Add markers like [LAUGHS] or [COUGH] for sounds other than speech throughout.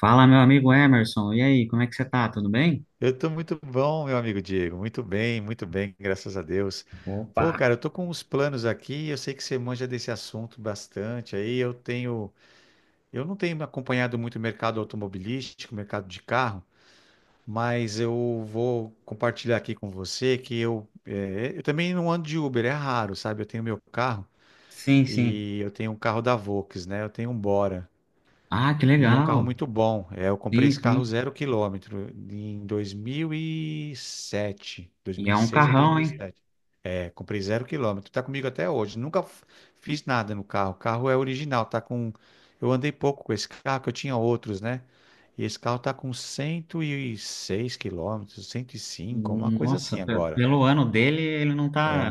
Fala, meu amigo Emerson. E aí, como é que você tá? Tudo bem? Eu tô muito bom, meu amigo Diego. Muito bem, graças a Deus. Pô, Opa! cara, eu tô com uns planos aqui. Eu sei que você manja desse assunto bastante. Eu não tenho acompanhado muito o mercado automobilístico, o mercado de carro, mas eu vou compartilhar aqui com você que eu também não ando de Uber, é raro, sabe? Eu tenho meu carro Sim, sim. e eu tenho um carro da Volks, né? Eu tenho um Bora. Ah, que E é um carro legal. muito bom. Eu comprei Sim, esse sim. carro zero quilômetro em 2007, E é um 2006 ou carrão, hein? 2007. É, comprei zero quilômetro. Tá comigo até hoje. Nunca f- Fiz nada no carro. O carro é original. Tá com. Eu andei pouco com esse carro, que eu tinha outros, né? E esse carro tá com 106 quilômetros, 105, uma coisa assim Nossa, agora. pelo ano dele, ele não tá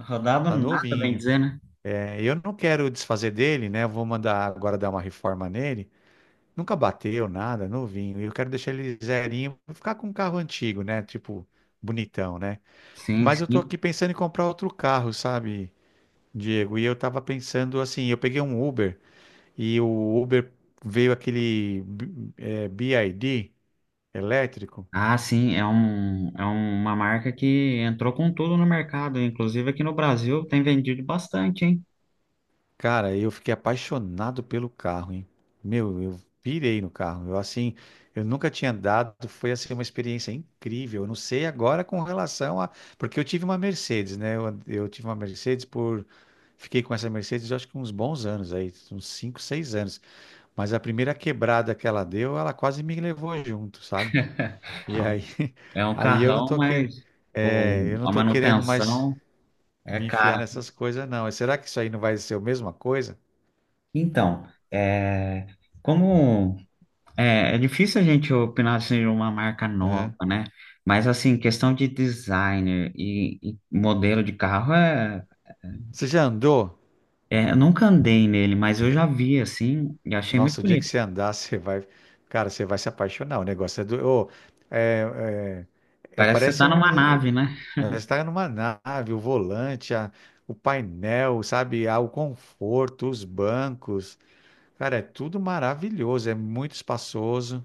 rodado Tá nada, bem novinho. dizer, né? É, eu não quero desfazer dele, né? Eu vou mandar agora dar uma reforma nele. Nunca bateu nada, novinho. E eu quero deixar ele zerinho, vou ficar com um carro antigo, né? Tipo, bonitão, né? Sim, Mas eu tô sim. aqui pensando em comprar outro carro, sabe, Diego? E eu tava pensando assim, eu peguei um Uber e o Uber veio aquele BID elétrico. Ah, sim, é uma marca que entrou com tudo no mercado. Inclusive aqui no Brasil tem vendido bastante, hein? Cara, eu fiquei apaixonado pelo carro, hein? Meu, eu pirei no carro. Eu assim, eu nunca tinha andado, foi assim uma experiência incrível. Eu não sei agora com relação a, porque eu tive uma Mercedes, né? Eu tive uma Mercedes por fiquei com essa Mercedes, eu acho que uns bons anos aí, uns 5, 6 anos. Mas a primeira quebrada que ela deu, ela quase me levou junto, sabe? E aí, [LAUGHS] É um aí eu não carrão, tô que... mas eu não a tô querendo mais manutenção é me enfiar cara. nessas coisas, não. Será que isso aí não vai ser a mesma coisa? Então, é, como. É, é difícil a gente opinar assim, de uma marca nova, né? Mas assim, questão de designer e modelo de carro é, Você já andou? é, eu nunca andei nele, mas eu já vi assim e achei muito Nossa, o dia que bonito. você andar, [LAUGHS] você vai. Cara, você vai se apaixonar. O negócio é do. Ô, é, é- é- Parece que você Parece tá um. numa Né, nave, né? você está numa nave, o painel, sabe? Ah, o conforto, os bancos. Cara, é tudo maravilhoso. É muito espaçoso.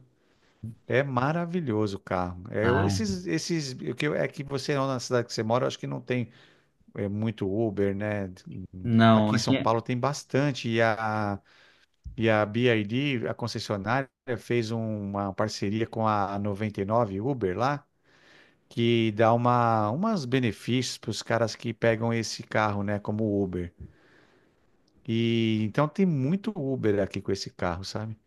É maravilhoso o carro. É, eu- Ah, esses, esses, o que eu- é que você, na cidade que você mora, eu acho que não tem muito Uber, né? não, Aqui em São aqui é. Paulo tem bastante. E a BYD, a concessionária, fez uma parceria com a 99 Uber lá, que dá umas benefícios para os caras que pegam esse carro, né, como Uber. E então tem muito Uber aqui com esse carro, sabe?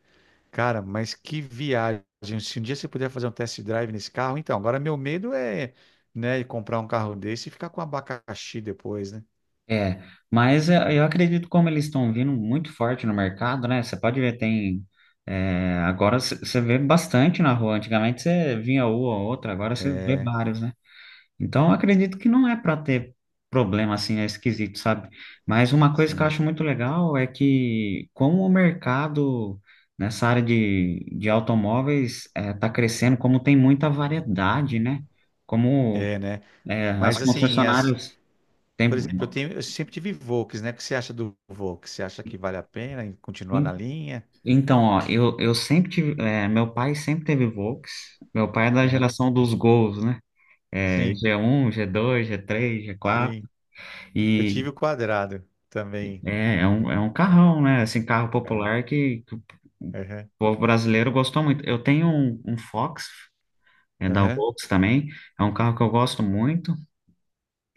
Cara, mas que viagem. Se um dia você puder fazer um test drive nesse carro, então, agora meu medo é, né, comprar um carro desse e ficar com abacaxi depois, né? É. Mas eu acredito como eles estão vindo muito forte no mercado, né? Você pode ver, tem. É, agora você vê bastante na rua. Antigamente você vinha uma ou outra, agora você vê É, vários, né? Então, eu acredito que não é para ter problema assim, é esquisito, sabe? Mas uma coisa que eu sim. acho muito legal é que como o mercado nessa área de automóveis está crescendo, como tem muita variedade, né? Como É, né? é, as Mas assim, as concessionárias por têm... exemplo, eu tenho, eu sempre tive Volks, né? O que você acha do Volks? Você acha que vale a pena em continuar na linha? Então, ó, eu sempre tive... é, meu pai sempre teve Volks. Meu pai é da Aham. geração dos Gols, né? É, Sim, G1 G2 G3 G4. sim. Eu tive o quadrado também. É, é um É. carrão, né? Assim, carro Aham. popular que o Aham. povo brasileiro gostou muito. Eu tenho um Fox, é da Aham. Volks também, é um carro que eu gosto muito.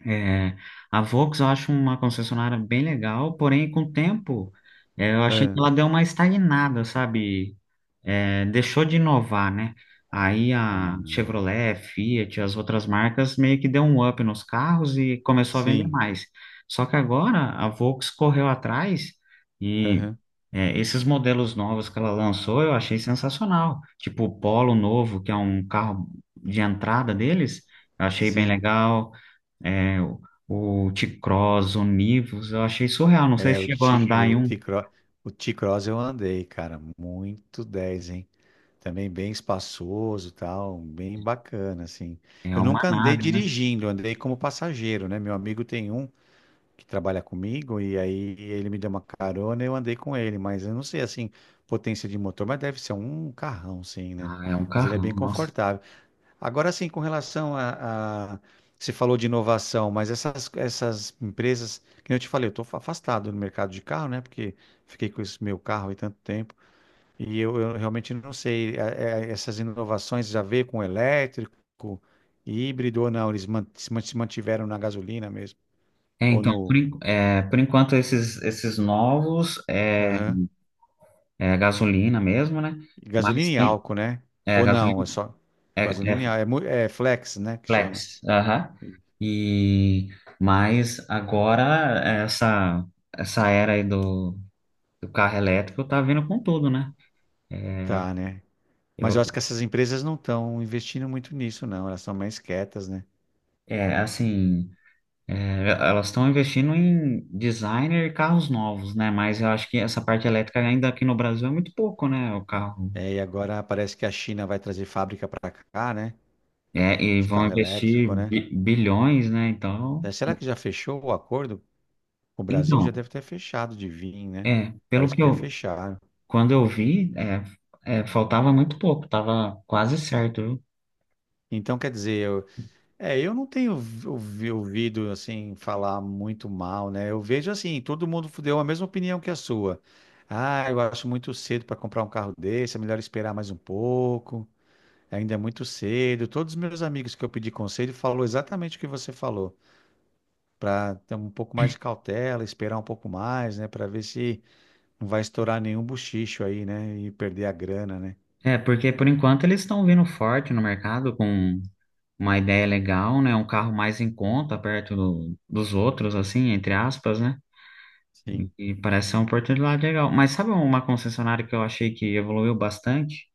É, a Volks eu acho uma concessionária bem legal, porém com o tempo é, eu achei que Aham. ela deu uma estagnada, sabe? É, deixou de inovar, né? Aí a Aham. Chevrolet, Fiat, as outras marcas meio que deu um up nos carros e começou a vender Sim. mais. Só que agora a Volks correu atrás e Aham. é, esses modelos novos que ela lançou eu achei sensacional. Tipo o Polo novo, que é um carro de entrada deles, eu achei bem Sim. legal é, o T-Cross, o Nivus, eu achei surreal. Não sei É, se o chegou a T, andar em um. O T-Cross eu andei, cara, muito 10, hein? Também bem espaçoso, e tal, bem bacana, assim. É Eu uma nunca andei nave, né? dirigindo, andei como passageiro, né? Meu amigo tem um que trabalha comigo, e aí ele me deu uma carona e eu andei com ele, mas eu não sei, assim, potência de motor, mas deve ser um carrão, sim, né? Ah, é um Mas ele é bem carrão, nossa. confortável. Agora, sim, com relação a... Você falou de inovação, mas essas empresas, que nem eu te falei, eu estou afastado do mercado de carro, né? Porque fiquei com esse meu carro aí tanto tempo, e eu realmente não sei, essas inovações já veio com elétrico, híbrido ou não, eles man- se mantiveram na gasolina mesmo, É, ou então, por, no... en- é, por enquanto, esses novos é, é gasolina mesmo, né? Mas Gasolina e tem álcool, né? é, Ou não, é gasolina, só é, gasolina e é álcool. É flex, né, que chama. flex, aham. E, mas agora, essa era aí do carro elétrico tá vindo com tudo, né? Tá, né? Mas eu acho Eu, que essas empresas não estão investindo muito nisso, não. Elas são mais quietas, né? é, assim. É, elas estão investindo em designer e carros novos, né? Mas eu acho que essa parte elétrica ainda aqui no Brasil é muito pouco, né? O carro. É, e agora parece que a China vai trazer fábrica para cá, né? É, e De vão carro investir elétrico, né? Bilhões, né? Então, É, será que já fechou o acordo? O Brasil já então, deve ter fechado de vir, né? é, pelo Parece que que já eu, fecharam. quando eu vi, é, é, faltava muito pouco, tava quase certo, viu? Então, quer dizer, eu- É, eu não tenho ouvido assim falar muito mal, né? Eu vejo assim, todo mundo deu a mesma opinião que a sua. Ah, eu acho muito cedo para comprar um carro desse, é melhor esperar mais um pouco. Ainda é muito cedo. Todos os meus amigos que eu pedi conselho falou exatamente o que você falou, para ter um pouco mais de cautela, esperar um pouco mais, né, para ver se não vai estourar nenhum bochicho aí, né, e perder a grana, né? É, porque por enquanto eles estão vindo forte no mercado com uma ideia legal, né? Um carro mais em conta, perto dos outros, assim, entre aspas, né? Sim, E parece ser uma oportunidade legal. Mas sabe um, uma concessionária que eu achei que evoluiu bastante?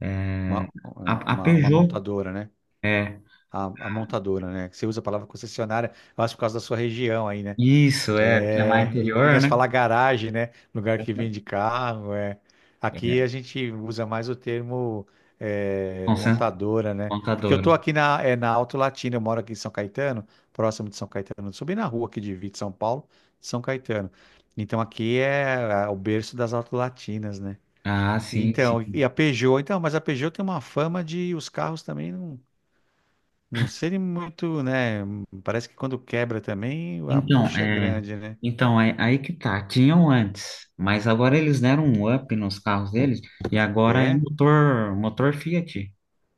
É, uma, a uma Peugeot. montadora, né? É, A montadora, né? Você usa a palavra concessionária, eu acho por causa da sua região aí, né? isso, é, que é mais É, em interior, Minas né? fala garagem, né? Lugar que vende carro, é. Aqui É, a gente usa mais o termo concess- montadora, né? Porque eu montadora. tô aqui na Alto Latino, eu moro aqui em São Caetano, próximo de São Caetano, eu subi na rua aqui de Vito, São Paulo, de São Caetano. Então aqui é o berço das Alto Latinas, né? Ah, sim, Então, e sim. a Peugeot, então, mas a Peugeot tem uma fama de os carros também não. Não seria muito, né? Parece que quando quebra também, a Então, bucha é é, grande, né? então é, aí que tá. Tinham antes, mas agora eles deram um up nos carros deles e agora é É. motor, motor Fiat.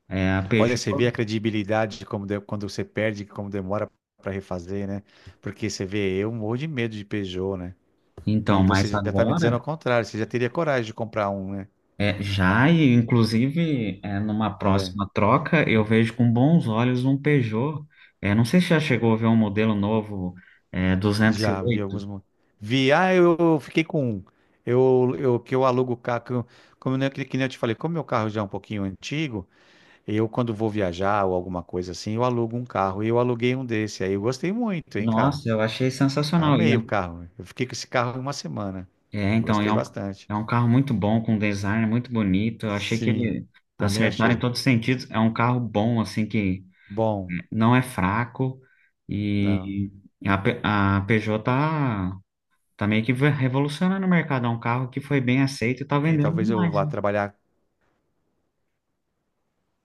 É a Olha, Peugeot. você vê a credibilidade de quando você perde, como demora para refazer, né? Porque você vê, eu morro de medo de Peugeot, né? E Então, você mas já tá me dizendo ao agora contrário, você já teria coragem de comprar um, né? Já, e inclusive, é, numa próxima troca, eu vejo com bons olhos um Peugeot. É, não sei se já chegou a ver um modelo novo, é, Já vi alguns. 208. Vi, ah, eu fiquei com um. Eu alugo o carro, como eu, que nem eu te falei, como meu carro já é um pouquinho antigo. Eu, quando vou viajar ou alguma coisa assim, eu alugo um carro. E eu aluguei um desse. Aí eu gostei muito, hein, cara? Nossa, eu achei sensacional. E é, Amei o carro. Eu fiquei com esse carro uma semana. é, então, Gostei bastante. é um carro muito bom, com design muito bonito. Eu achei que Sim, ele também acertaram em achei. todos os sentidos. É um carro bom, assim, que Bom, não é fraco. não. E a Peugeot tá meio que revolucionando o mercado. É um carro que foi bem aceito e tá E vendendo talvez eu demais. vá trabalhar.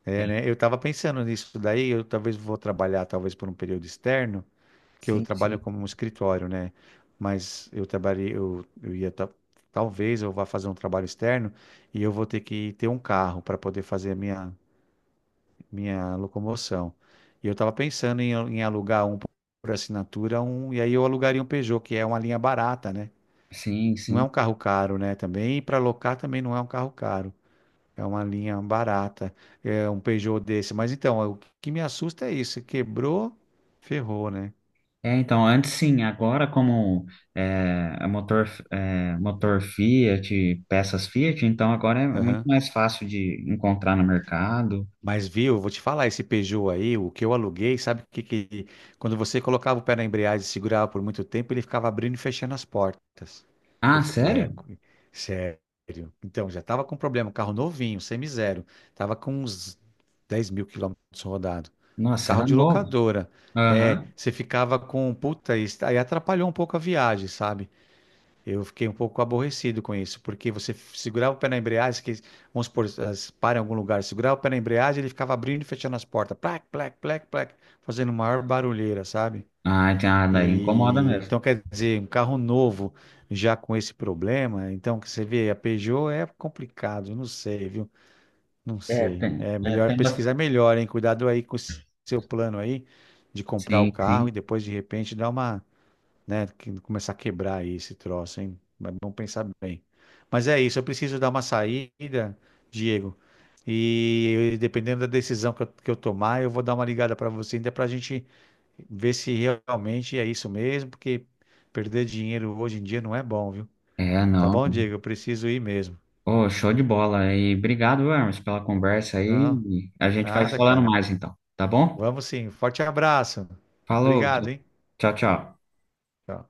É, né? Eu estava pensando nisso daí. Eu talvez vou trabalhar, talvez por um período externo, que eu Sim, trabalho sim. como um escritório, né? Mas eu trabalhei, talvez eu vá fazer um trabalho externo e eu vou ter que ter um carro para poder fazer a minha. Minha locomoção. E eu estava pensando em, em alugar um por assinatura, um, e aí eu alugaria um Peugeot, que é uma linha barata, né? Sim, Não é sim. um carro caro, né? Também, e para alocar também não é um carro caro. É uma linha barata, é um Peugeot desse. Mas então, o que me assusta é isso. Quebrou, ferrou, né? É, então, antes sim, agora como é, é, motor Fiat, peças Fiat, então agora é muito Aham. mais fácil de encontrar no mercado. Mas viu, vou te falar, esse Peugeot aí, o que eu aluguei, sabe o que que... Quando você colocava o pé na embreagem e segurava por muito tempo, ele ficava abrindo e fechando as portas. Eu Ah, fiquei, é, sério? co- Sério. Então, já tava com problema, carro novinho, semi-zero. Tava com uns 10.000 quilômetros rodado. Nossa, Carro era de novo. locadora. É, Aham. você ficava com, puta, isso aí atrapalhou um pouco a viagem, sabe? Eu fiquei um pouco aborrecido com isso, porque você segurava o pé na embreagem, que, vamos supor, as para em algum lugar, segurava o pé na embreagem, ele ficava abrindo e fechando as portas, plac, plac, plac, plac, fazendo maior barulheira, sabe? Ah, então, ah, daí incomoda E mesmo. então quer dizer, um carro novo já com esse problema, então que você vê, a Peugeot é complicado, não sei, viu? Não sei. É É, melhor tem bastante. pesquisar melhor, hein? Cuidado aí com o seu plano aí de comprar o Sim, carro e sim. depois de repente dar uma né? Que começar a quebrar aí esse troço, hein? Mas vamos pensar bem. Mas é isso, eu preciso dar uma saída, Diego. E dependendo da decisão que eu tomar, eu vou dar uma ligada para você ainda para a gente ver se realmente é isso mesmo, porque perder dinheiro hoje em dia não é bom, viu? É, Tá não. bom, Diego? Eu preciso ir mesmo. Ô, show de bola. E obrigado, Hermes, pela conversa Não, aí. A gente vai se nada, falando cara. mais então, tá bom? Vamos sim. Forte abraço. Falou. Obrigado, hein? Tchau, tchau. Tchau.